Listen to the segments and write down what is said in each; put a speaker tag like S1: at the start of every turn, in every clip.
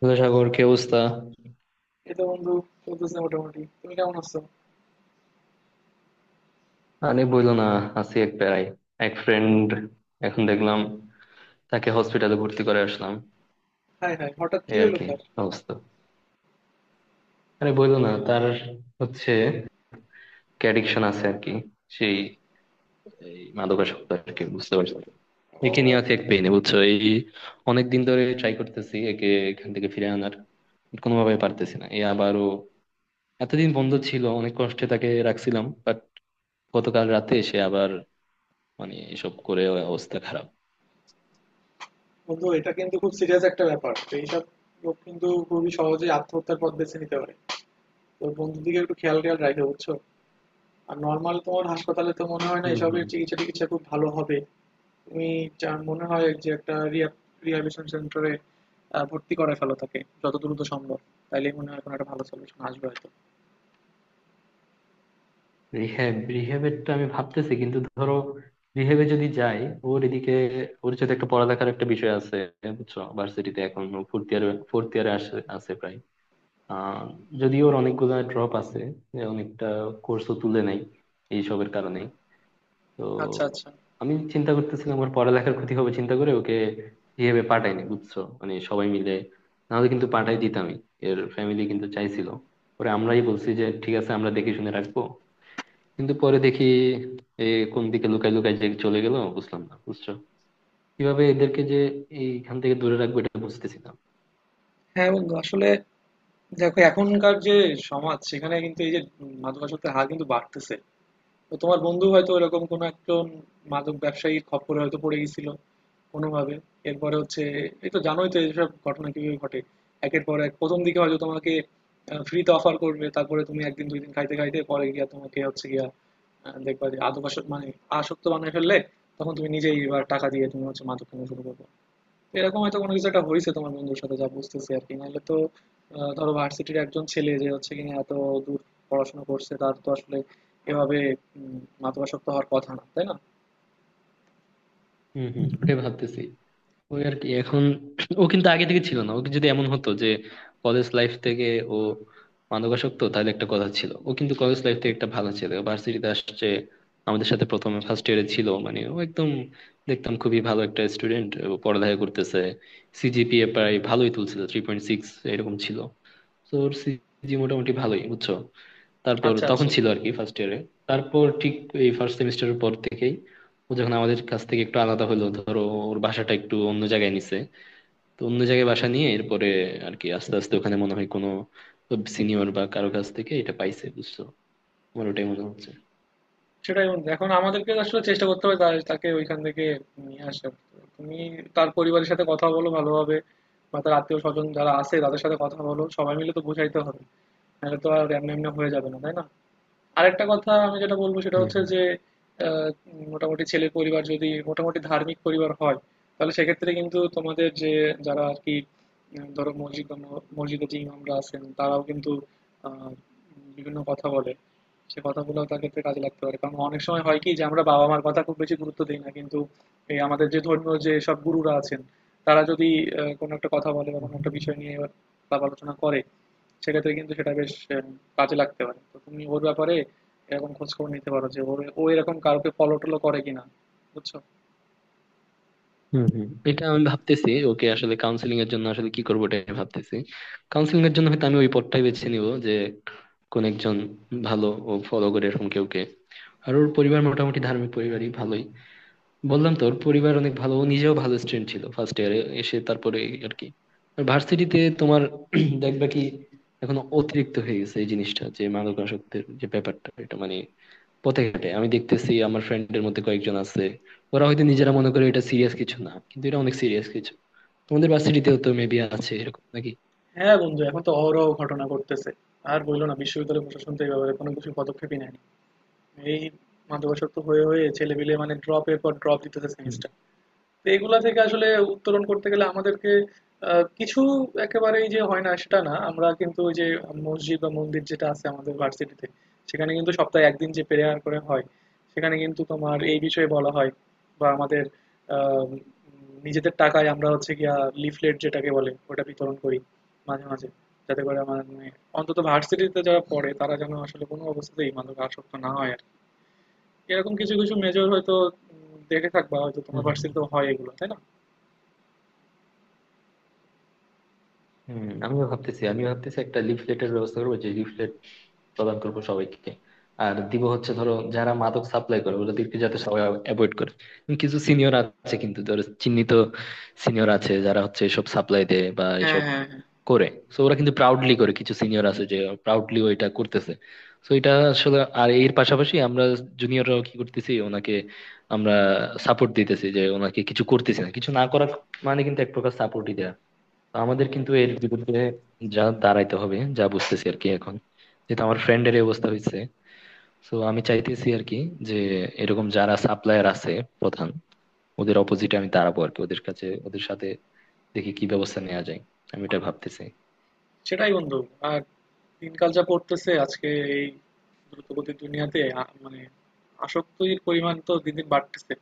S1: Hello Sagar, কি অবস্থা?
S2: এই তো বন্ধু, চলতেছে মোটামুটি। তুমি কেমন আছো?
S1: আরে বইলো না, আছি এক প্যারাই। এক ফ্রেন্ড, এখন দেখলাম তাকে হসপিটালে ভর্তি করে আসলাম।
S2: হাই হাই, হঠাৎ কি
S1: এই আর
S2: হলো
S1: কি
S2: তার?
S1: অবস্থা। আরে বইলো না, তার হচ্ছে অ্যাডিকশন আছে আর কি। সেই এই মাদকাসক্ত আর কি, বুঝতে পারছো? একে
S2: ও
S1: নিয়ে আছি এক পেইনে, বুঝছো? এই অনেক দিন ধরে ট্রাই করতেছি একে এখান থেকে ফিরে আনার, কোনোভাবে পারতেছি না। এ আবারও এতদিন বন্ধ ছিল, অনেক কষ্টে তাকে রাখছিলাম, বাট গতকাল রাতে এসে আবার মানে এসব করে, অবস্থা খারাপ।
S2: বন্ধু, এটা কিন্তু খুব সিরিয়াস একটা ব্যাপার। তো এইসব লোক কিন্তু খুবই সহজে আত্মহত্যার পথ বেছে নিতে পারে। তো বন্ধুদিকে একটু খেয়াল খেয়াল রাখবে, বুঝছো? আর নর্মাল তোমার হাসপাতালে তো মনে হয় না
S1: হম হম।
S2: এসবের চিকিৎসা টিকিৎসা খুব ভালো হবে। তুমি যা মনে হয় যে একটা রিহ্যাবিলিটেশন সেন্টারে ভর্তি করে ফেলো তাকে যত দ্রুত সম্ভব। তাইলে মনে হয় কোনো একটা ভালো সলিউশন আসবে হয়তো।
S1: রিহ্যাবের তো আমি ভাবতেছি, কিন্তু ধরো রিহ্যাবে যদি যাই, ওর এদিকে ওর সাথে একটা পড়ালেখার একটা বিষয় আছে, বুঝছো? ভার্সিটিতে এখন ফোর্থ ইয়ার ফোর্থ ইয়ারে আসে আছে প্রায়। আহ যদি, ওর অনেকগুলা ড্রপ আছে, যে অনেকটা কোর্সও তুলে নেই এইসবের কারণে। তো
S2: আচ্ছা আচ্ছা।
S1: আমি চিন্তা করতেছিলাম ওর পড়ালেখার ক্ষতি হবে চিন্তা করে ওকে রিহ্যাবে পাঠাইনি, বুঝছো, মানে সবাই মিলে। নাহলে কিন্তু পাঠাই দিতামই। এর ফ্যামিলি কিন্তু চাইছিল, পরে আমরাই বলছি যে ঠিক আছে, আমরা দেখে শুনে রাখবো। কিন্তু পরে দেখি এ কোন দিকে লুকাই লুকাই যে চলে গেল বুঝলাম না, বুঝছো? কিভাবে এদেরকে যে এইখান থেকে দূরে রাখবো, এটা বুঝতেছি না।
S2: হ্যাঁ বন্ধু, আসলে দেখো এখনকার যে সমাজ, সেখানে কিন্তু এই যে মাদকাসক্তের হার কিন্তু বাড়তেছে। তো তোমার বন্ধু হয়তো এরকম কোনো একজন মাদক ব্যবসায়ীর খপ্পরে হয়তো পড়ে গেছিল কোনোভাবে। এরপরে হচ্ছে, এই তো জানোই তো এইসব ঘটনা কিভাবে ঘটে। একের পর এক প্রথম দিকে হয়তো তোমাকে ফ্রিতে অফার করবে, তারপরে তুমি একদিন দুই দিন খাইতে খাইতে পরে গিয়া তোমাকে হচ্ছে গিয়া দেখবা যে আদকাসক্ত মানে আসক্ত বানিয়ে ফেললে, তখন তুমি নিজেই এবার টাকা দিয়ে তুমি হচ্ছে মাদক কিনে শুরু করবে। তো এরকম হয়তো কোনো কিছু একটা হয়েছে তোমার বন্ধুর সাথে, যা বুঝতেছি আর কি। নাহলে তো ধরো ভার্সিটির একজন ছেলে যে হচ্ছে কিনা এত দূর পড়াশোনা করছে, তার তো আসলে এভাবে মাদকাসক্ত হওয়ার কথা না, তাই না?
S1: হম হম, ওটাই ভাবতেছি। ওই আর কি। এখন ও কিন্তু আগে থেকে ছিল না, ওকে যদি এমন হতো যে কলেজ লাইফ থেকে ও মাদকাসক্ত, তাহলে একটা কথা ছিল। ও কিন্তু কলেজ লাইফ থেকে একটা ভালো ছেলে, ভার্সিটিতে আসছে আমাদের সাথে। প্রথমে ফার্স্ট ইয়ারে ছিল, মানে ও একদম দেখতাম খুবই ভালো একটা স্টুডেন্ট, পড়ালেখা করতেছে। সিজিপিএ প্রায় ভালোই তুলছিল, 3.6 এরকম ছিল। তো ওর সিজি মোটামুটি ভালোই, বুঝছো। তারপর
S2: আচ্ছা আচ্ছা।
S1: তখন ছিল আর কি ফার্স্ট ইয়ারে। তারপর ঠিক এই ফার্স্ট সেমিস্টারের পর থেকেই ও যখন আমাদের কাছ থেকে একটু আলাদা হলো, ধরো ওর বাসাটা একটু অন্য জায়গায় নিছে। তো অন্য জায়গায় বাসা নিয়ে এরপরে আর কি আস্তে আস্তে ওখানে মনে হয় কোনো সিনিয়র বা কারো কাছ থেকে এটা পাইছে, বুঝছো? আমার ওটাই মনে হচ্ছে।
S2: সেটাই বন্ধু, এখন আমাদেরকে আসলে চেষ্টা করতে হবে তাকে ওইখান থেকে নিয়ে আসার। তুমি তার পরিবারের সাথে কথা বলো ভালোভাবে, বা তার আত্মীয় স্বজন যারা আছে তাদের সাথে কথা বলো। সবাই মিলে তো বোঝাইতে হবে, নাহলে তো আর এমনি এমনি হয়ে যাবে না, তাই না? আরেকটা কথা আমি যেটা বলবো, সেটা
S1: হুম
S2: হচ্ছে যে মোটামুটি ছেলের পরিবার যদি মোটামুটি ধার্মিক পরিবার হয়, তাহলে সেক্ষেত্রে কিন্তু তোমাদের যে যারা আর কি, ধরো মসজিদ বা মসজিদে যে ইমামরা আছেন তারাও কিন্তু আহ, বিভিন্ন কথা বলে। সে কথাগুলো তার ক্ষেত্রে কাজে লাগতে পারে, কারণ অনেক সময় হয় কি যে আমরা বাবা মার কথা খুব বেশি গুরুত্ব দিই না, কিন্তু এই আমাদের যে ধর্মীয় যে সব গুরুরা আছেন, তারা যদি কোনো একটা কথা বলে বা
S1: হুম।
S2: কোনো একটা বিষয় নিয়ে আলাপ আলোচনা করে, সেক্ষেত্রে কিন্তু সেটা বেশ কাজে লাগতে পারে। তো তুমি ওর ব্যাপারে এরকম খোঁজ খবর নিতে পারো যে ওর ও এরকম কাউকে ফলো টলো করে কিনা, বুঝছো?
S1: হুম হুম, এটা আমি ভাবতেছি ওকে আসলে কাউন্সিলিং এর জন্য আসলে কি করবো এটা ভাবতেছি। কাউন্সিলিং এর জন্য হয়তো আমি ওই পথটাই বেছে নিব, যে কোন একজন ভালো ও ফলো করে এরকম কেউকে। আর ওর পরিবার মোটামুটি ধার্মিক পরিবারই, ভালোই। বললাম তো ওর পরিবার অনেক ভালো, ও নিজেও ভালো স্টুডেন্ট ছিল ফার্স্ট ইয়ারে এসে, তারপরে আর কি। আর ভার্সিটিতে তোমার দেখবা কি এখন অতিরিক্ত হয়ে গেছে এই জিনিসটা, যে মাদকাসক্তের যে ব্যাপারটা, এটা মানে পথে ঘাটে আমি দেখতেছি। আমার ফ্রেন্ডের মধ্যে কয়েকজন আছে, ওরা হয়তো নিজেরা মনে করে এটা সিরিয়াস কিছু না, কিন্তু এটা অনেক সিরিয়াস কিছু। তোমাদের ভার্সিটিতেও তো মেবি আছে এরকম, নাকি?
S2: হ্যাঁ বন্ধু, এখন তো অহরহ ঘটনা ঘটতেছে। আর বললো না, বিশ্ববিদ্যালয় প্রশাসন তো এই ব্যাপারে কোনো কিছু পদক্ষেপই নেয়নি। এই মাদকাসক্ত হয়ে হয়ে ছেলেপিলে মানে ড্রপের পর ড্রপ দিতেছে
S1: হুম
S2: সেমিস্টার। তো এগুলা থেকে আসলে উত্তরণ করতে গেলে আমাদেরকে কিছু, একেবারেই যে হয় না সেটা না। আমরা কিন্তু ওই যে মসজিদ বা মন্দির যেটা আছে আমাদের ভার্সিটিতে, সেখানে কিন্তু সপ্তাহে একদিন যে প্রেয়ার করে হয় সেখানে কিন্তু তোমার এই বিষয়ে বলা হয়। বা আমাদের আহ, উম, নিজেদের টাকায় আমরা হচ্ছে গিয়া লিফলেট যেটাকে বলে ওটা বিতরণ করি মাঝে মাঝে, যাতে করে আমার মানে অন্তত ভার্সিটিতে যারা পড়ে তারা যেন আসলে কোনো অবস্থাতেই মাদক আসক্ত না হয় আর কি। এরকম কিছু কিছু মেজর হয়তো দেখে থাকবা, হয়তো তোমার
S1: হুম হুম।
S2: ভার্সিটিতেও হয় এগুলো, তাই না?
S1: আমিও ভাবতেছি, একটা লিফলেটের ব্যবস্থা করবো, যে লিফলেট প্রদান করবো সবাইকে। আর দিব হচ্ছে ধরো যারা মাদক সাপ্লাই করে ওদেরকে, যাতে সবাই অ্যাভয়েড করে। কিন্তু কিছু সিনিয়র আছে কিন্তু ধরো, চিহ্নিত সিনিয়র আছে, যারা হচ্ছে এসব সাপ্লাই দেয় বা
S2: হ্যাঁ,
S1: এসব
S2: হ্যাঁ, হ্যাঁ।
S1: করে। সো ওরা কিন্তু প্রাউডলি করে, কিছু সিনিয়র আছে যে প্রাউডলি ওইটা করতেছে। তো এটা আসলে, আর এর পাশাপাশি আমরা জুনিয়ররাও কি করতেছি, ওনাকে আমরা সাপোর্ট দিতেছি। যে ওনাকে কিছু করতেছি না, কিছু না করা মানে কিন্তু এক প্রকার সাপোর্টই দেয়া। তো আমাদের কিন্তু এর বিরুদ্ধে যা দাঁড়াইতে হবে, যা বুঝতেছি আর কি এখন যেহেতু আমার ফ্রেন্ডের এই অবস্থা হয়েছে। তো আমি চাইতেছি আর কি যে এরকম যারা সাপ্লায়ার আছে প্রধান, ওদের অপোজিটে আমি দাঁড়াবো আর কি, ওদের কাছে ওদের সাথে দেখি কি ব্যবস্থা নেওয়া যায়। আমি এটা ভাবতেছি।
S2: সেটাই বন্ধু। আর দিনকাল যা পড়তেছে আজকে, এই দ্রুতগতির দুনিয়াতে মানে আসক্তির পরিমাণ তো দিন দিন বাড়তেছে।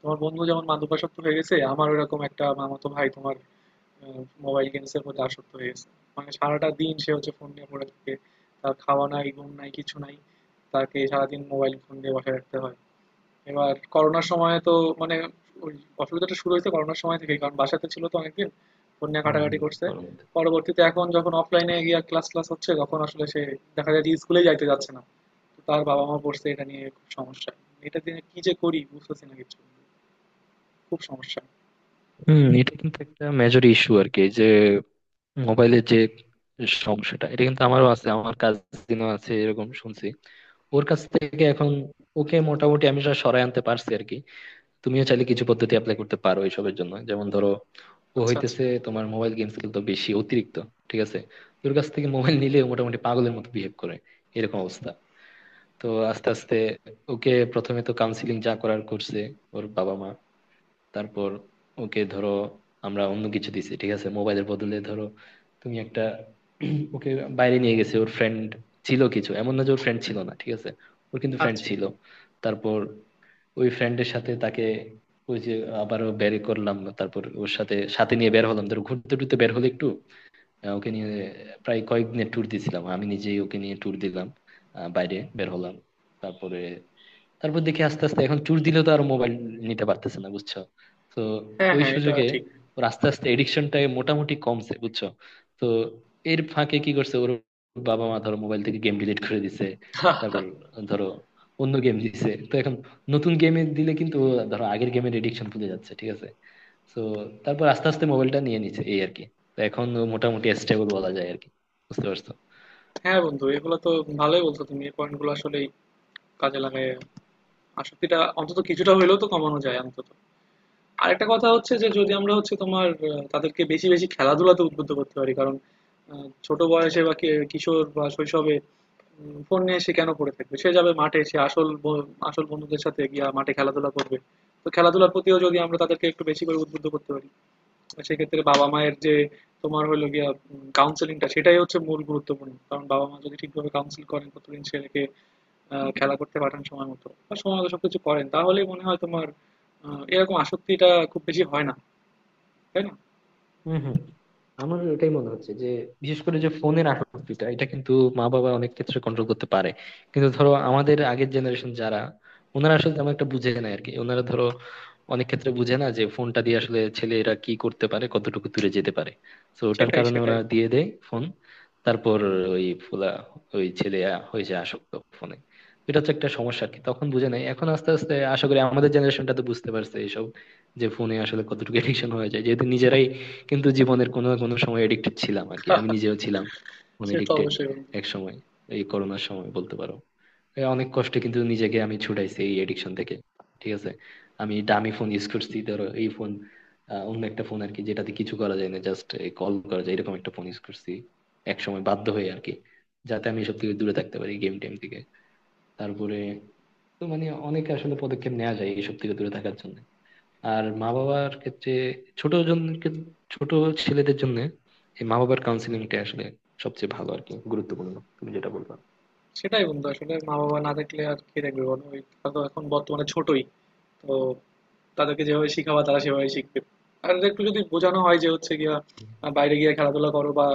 S2: তোমার বন্ধু যেমন মাদকাসক্ত হয়ে গেছে, আমার ওইরকম একটা মামাতো ভাই তোমার মোবাইল গেমস এর প্রতি আসক্ত হয়ে গেছে। মানে সারাটা দিন সে হচ্ছে ফোন নিয়ে পড়ে থাকে। তার খাওয়া নাই, ঘুম নাই, কিছু নাই। তাকে সারাদিন মোবাইল ফোন দিয়ে বসে রাখতে হয়। এবার করোনার সময়ে তো মানে ওই অসুবিধাটা শুরু হয়েছে করোনার সময় থেকেই, কারণ বাসাতে ছিল তো অনেকদিন, ফোন নিয়ে
S1: হুম,
S2: ঘাটাঘাটি
S1: হুম।
S2: করছে।
S1: গরমের মধ্যে।
S2: পরবর্তীতে এখন যখন অফলাইনে গিয়ে ক্লাস ক্লাস হচ্ছে তখন আসলে সে দেখা যায় যে স্কুলে যাইতে যাচ্ছে না। তো তার বাবা মা পড়ছে এটা নিয়ে খুব সমস্যা। এটা দিয়ে কি যে করি বুঝতেছি না কিছু, খুব সমস্যা।
S1: হুম, এটা কিন্তু একটা মেজর ইস্যু আর কি, যে মোবাইলের যে সমস্যাটা, এটা কিন্তু আমারও আছে, আমার কাজিনও আছে এরকম, শুনছি ওর কাছ থেকে। এখন ওকে মোটামুটি আমি সরায় আনতে পারছি আর কি। তুমিও চাইলে কিছু পদ্ধতি অ্যাপ্লাই করতে পারো এইসবের জন্য। যেমন ধরো, ও
S2: আচ্ছা আচ্ছা।
S1: হইতেছে তোমার মোবাইল গেমস খেলতো বেশি অতিরিক্ত, ঠিক আছে? তোর কাছ থেকে মোবাইল নিলে ও মোটামুটি পাগলের মতো বিহেভ করে, এরকম অবস্থা। তো আস্তে আস্তে ওকে প্রথমে তো কাউন্সিলিং যা করার করছে ওর বাবা মা। তারপর ওকে ধরো আমরা অন্য কিছু দিছি, ঠিক আছে মোবাইলের বদলে ধরো। তুমি একটা ওকে বাইরে নিয়ে গেছে ওর ফ্রেন্ড ছিল কিছু, এমন না যে ওর ফ্রেন্ড ছিল না, ঠিক আছে, ওর কিন্তু ফ্রেন্ড
S2: আচ্ছা।
S1: ছিল। তারপর ওই ফ্রেন্ডের সাথে তাকে ওই যে আবারও বের করলাম। তারপর ওর সাথে সাথে নিয়ে বের হলাম, ধরো ঘুরতে টুরতে বের হলো একটু। ওকে নিয়ে প্রায় কয়েকদিনের ট্যুর দিয়েছিলাম, আমি নিজেই ওকে নিয়ে ট্যুর দিলাম, বাইরে বের হলাম। তারপরে তারপর দেখি আস্তে আস্তে এখন ট্যুর দিলেও তো আর মোবাইল নিতে পারতেছে না, বুঝছো? তো
S2: হ্যাঁ
S1: ওই
S2: হ্যাঁ এটা
S1: সুযোগে
S2: ঠিক।
S1: ওর আস্তে আস্তে এডিকশনটা মোটামুটি কমছে, বুঝছো। তো এর ফাঁকে কি করছে, ওর বাবা মা ধরো মোবাইল থেকে গেম ডিলিট করে দিছে। তারপর ধরো অন্য গেম দিছে, তো এখন নতুন গেমে দিলে কিন্তু ও ধরো আগের গেমের এডিকশন ভুলে যাচ্ছে, ঠিক আছে। তো তারপর আস্তে আস্তে মোবাইলটা নিয়ে নিছে, এই আর কি। তো এখন ও মোটামুটি স্টেবল বলা যায় আরকি। বুঝতে পারছো?
S2: হ্যাঁ বন্ধু, এগুলো তো ভালোই বলছো তুমি। এই পয়েন্টগুলো আসলে কাজে লাগায় আসক্তিটা অন্তত কিছুটা হইলেও তো কমানো যায় অন্তত। আরেকটা কথা হচ্ছে যে, যদি আমরা হচ্ছে তোমার তাদেরকে বেশি বেশি খেলাধুলাতে উদ্বুদ্ধ করতে পারি, কারণ ছোট বয়সে বা কিশোর বা শৈশবে ফোন নিয়ে সে কেন পড়ে থাকবে। সে যাবে মাঠে, সে আসল আসল বন্ধুদের সাথে গিয়া মাঠে খেলাধুলা করবে। তো খেলাধুলার প্রতিও যদি আমরা তাদেরকে একটু বেশি করে উদ্বুদ্ধ করতে পারি, সেক্ষেত্রে বাবা মায়ের যে তোমার হলো গিয়া কাউন্সেলিংটা সেটাই হচ্ছে মূল গুরুত্বপূর্ণ। কারণ বাবা মা যদি ঠিকভাবে কাউন্সিল করেন প্রতিদিন ছেলেকে, খেলা করতে পাঠান সময় মতো বা সময় মতো সবকিছু করেন, তাহলেই মনে হয় তোমার এরকম আসক্তিটা খুব বেশি হয় না, তাই না?
S1: হম হম, আমার ওটাই মনে হচ্ছে যে বিশেষ করে যে ফোনের আসক্তিটা, এটা কিন্তু মা বাবা অনেক ক্ষেত্রে কন্ট্রোল করতে পারে। কিন্তু ধরো আমাদের আগের জেনারেশন যারা, ওনারা আসলে তেমন একটা বুঝে না আরকি। ওনারা ধরো অনেক ক্ষেত্রে বুঝে না যে ফোনটা দিয়ে আসলে ছেলেরা কি করতে পারে, কতটুকু দূরে যেতে পারে। তো ওটার
S2: সেটাই
S1: কারণে ওরা
S2: সেটাই।
S1: দিয়ে দেয় ফোন। তারপর ওই ফুলা, ওই ছেলে হয়ে যায় আসক্ত ফোনে। এটা হচ্ছে একটা সমস্যা আর কি, তখন বুঝে নাই। এখন আস্তে আস্তে আশা করি আমাদের জেনারেশনটা তো বুঝতে পারছে এইসব, যে ফোনে আসলে কতটুকু এডিকশন হয়ে যায়, যেহেতু নিজেরাই কিন্তু জীবনের কোনো না কোনো সময় এডিক্টেড ছিলাম আর কি। আমি নিজেও ছিলাম মানে
S2: সে তো
S1: এডিক্টেড
S2: অবশ্যই বন্ধু।
S1: এক সময়, এই করোনার সময় বলতে পারো। এ অনেক কষ্টে কিন্তু নিজেকে আমি ছুটাইছি এই এডিকশন থেকে। ঠিক আছে, আমি দামি ফোন ইউজ করছি ধরো এই ফোন, অন্য একটা ফোন আর কি, যেটাতে কিছু করা যায় না, জাস্ট কল করা যায়, এরকম একটা ফোন ইউজ করছি এক সময় বাধ্য হয়ে আর কি, যাতে আমি এসব থেকে দূরে থাকতে পারি, গেম টেম থেকে। তারপরে, তো মানে অনেক আসলে পদক্ষেপ নেওয়া যায় এইসব থেকে দূরে থাকার জন্য। আর মা বাবার ক্ষেত্রে ছোট জন, ছোট ছেলেদের জন্য এই মা বাবার কাউন্সিলিংটা আসলে সবচেয়ে ভালো আর কি, গুরুত্বপূর্ণ তুমি যেটা বলবা।
S2: সেটাই বন্ধু, আসলে মা বাবা না থাকলে আর কে দেখবে বলো। ওই তারা তো এখন বর্তমানে ছোটই, তো তাদেরকে যেভাবে শিখাবা তারা সেভাবে শিখবে। আর একটু যদি বোঝানো হয় যে হচ্ছে গিয়া বাইরে গিয়ে খেলাধুলা করো, বা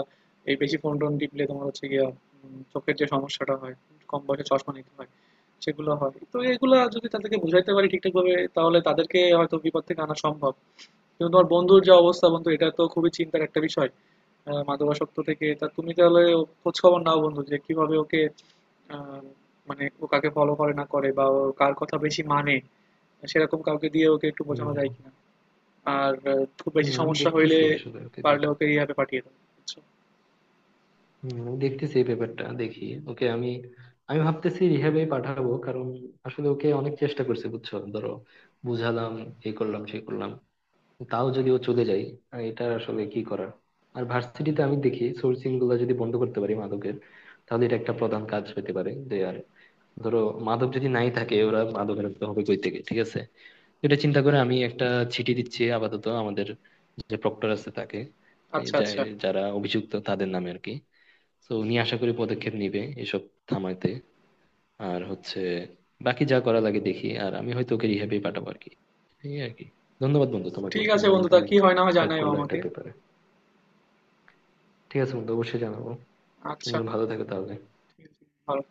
S2: এই বেশি ফোন টোন টিপলে তোমার হচ্ছে গিয়া চোখের যে সমস্যাটা হয়, কম বয়সে চশমা নিতে হয় সেগুলো হয়। তো এগুলা যদি তাদেরকে বুঝাইতে পারি ঠিকঠাক ভাবে, তাহলে তাদেরকে হয়তো বিপদ থেকে আনা সম্ভব। কিন্তু তোমার বন্ধুর যে অবস্থা বন্ধু, এটা তো খুবই চিন্তার একটা বিষয়। মাদকাসক্ত থেকে তা তুমি তাহলে খোঁজ খবর নাও বন্ধু, যে কিভাবে ওকে আহ, মানে ও কাকে ফলো করে না করে, বা ও কার কথা বেশি মানে, সেরকম কাউকে দিয়ে ওকে একটু বোঝানো যায়
S1: হম
S2: কিনা। আর খুব বেশি
S1: হম, আমি
S2: সমস্যা হইলে
S1: দেখতেছি আসলে ওকে,
S2: পারলে
S1: দেখি।
S2: ওকে রিহ্যাবে পাঠিয়ে দাও, বুঝছো?
S1: হম, আমি দেখতেছি এই ব্যাপারটা, দেখি ওকে আমি। আমি ভাবতেছি রিহ্যাবে পাঠাবো, কারণ আসলে ওকে অনেক চেষ্টা করছে, বুঝছো, ধরো বুঝালাম, এই করলাম সেই করলাম, তাও যদি ও চলে যায়, এটা আসলে কি করার। আর ভার্সিটিতে আমি দেখি সোর্সিং গুলো যদি বন্ধ করতে পারি মাদকের, তাহলে এটা একটা প্রধান কাজ হতে পারে। ধরো মাদক যদি নাই থাকে, ওরা মাদক রাখতে হবে কই থেকে, ঠিক আছে। এটা চিন্তা করে আমি একটা চিঠি দিচ্ছি আপাতত আমাদের যে প্রক্টর আছে তাকে, এই
S2: আচ্ছা আচ্ছা,
S1: যারা অভিযুক্ত তাদের নামে আর কি। তো উনি আশা করি পদক্ষেপ নিবে এসব থামাইতে। আর হচ্ছে বাকি যা করা লাগে দেখি, আর আমি হয়তো ওকে রিহ্যাবে পাঠাবো আর কি, এই আর কি। ধন্যবাদ বন্ধু তোমাকে,
S2: ঠিক
S1: তুমি
S2: আছে বন্ধু,
S1: আমাকে
S2: তা
S1: অনেক
S2: কি হয় না হয়
S1: হেল্প
S2: জানাইও
S1: করলো
S2: আমাকে।
S1: এটার ব্যাপারে। ঠিক আছে বন্ধু, অবশ্যই জানাবো।
S2: আচ্ছা,
S1: তুমিও ভালো থাকো তাহলে।
S2: ঠিক আছে, ভালো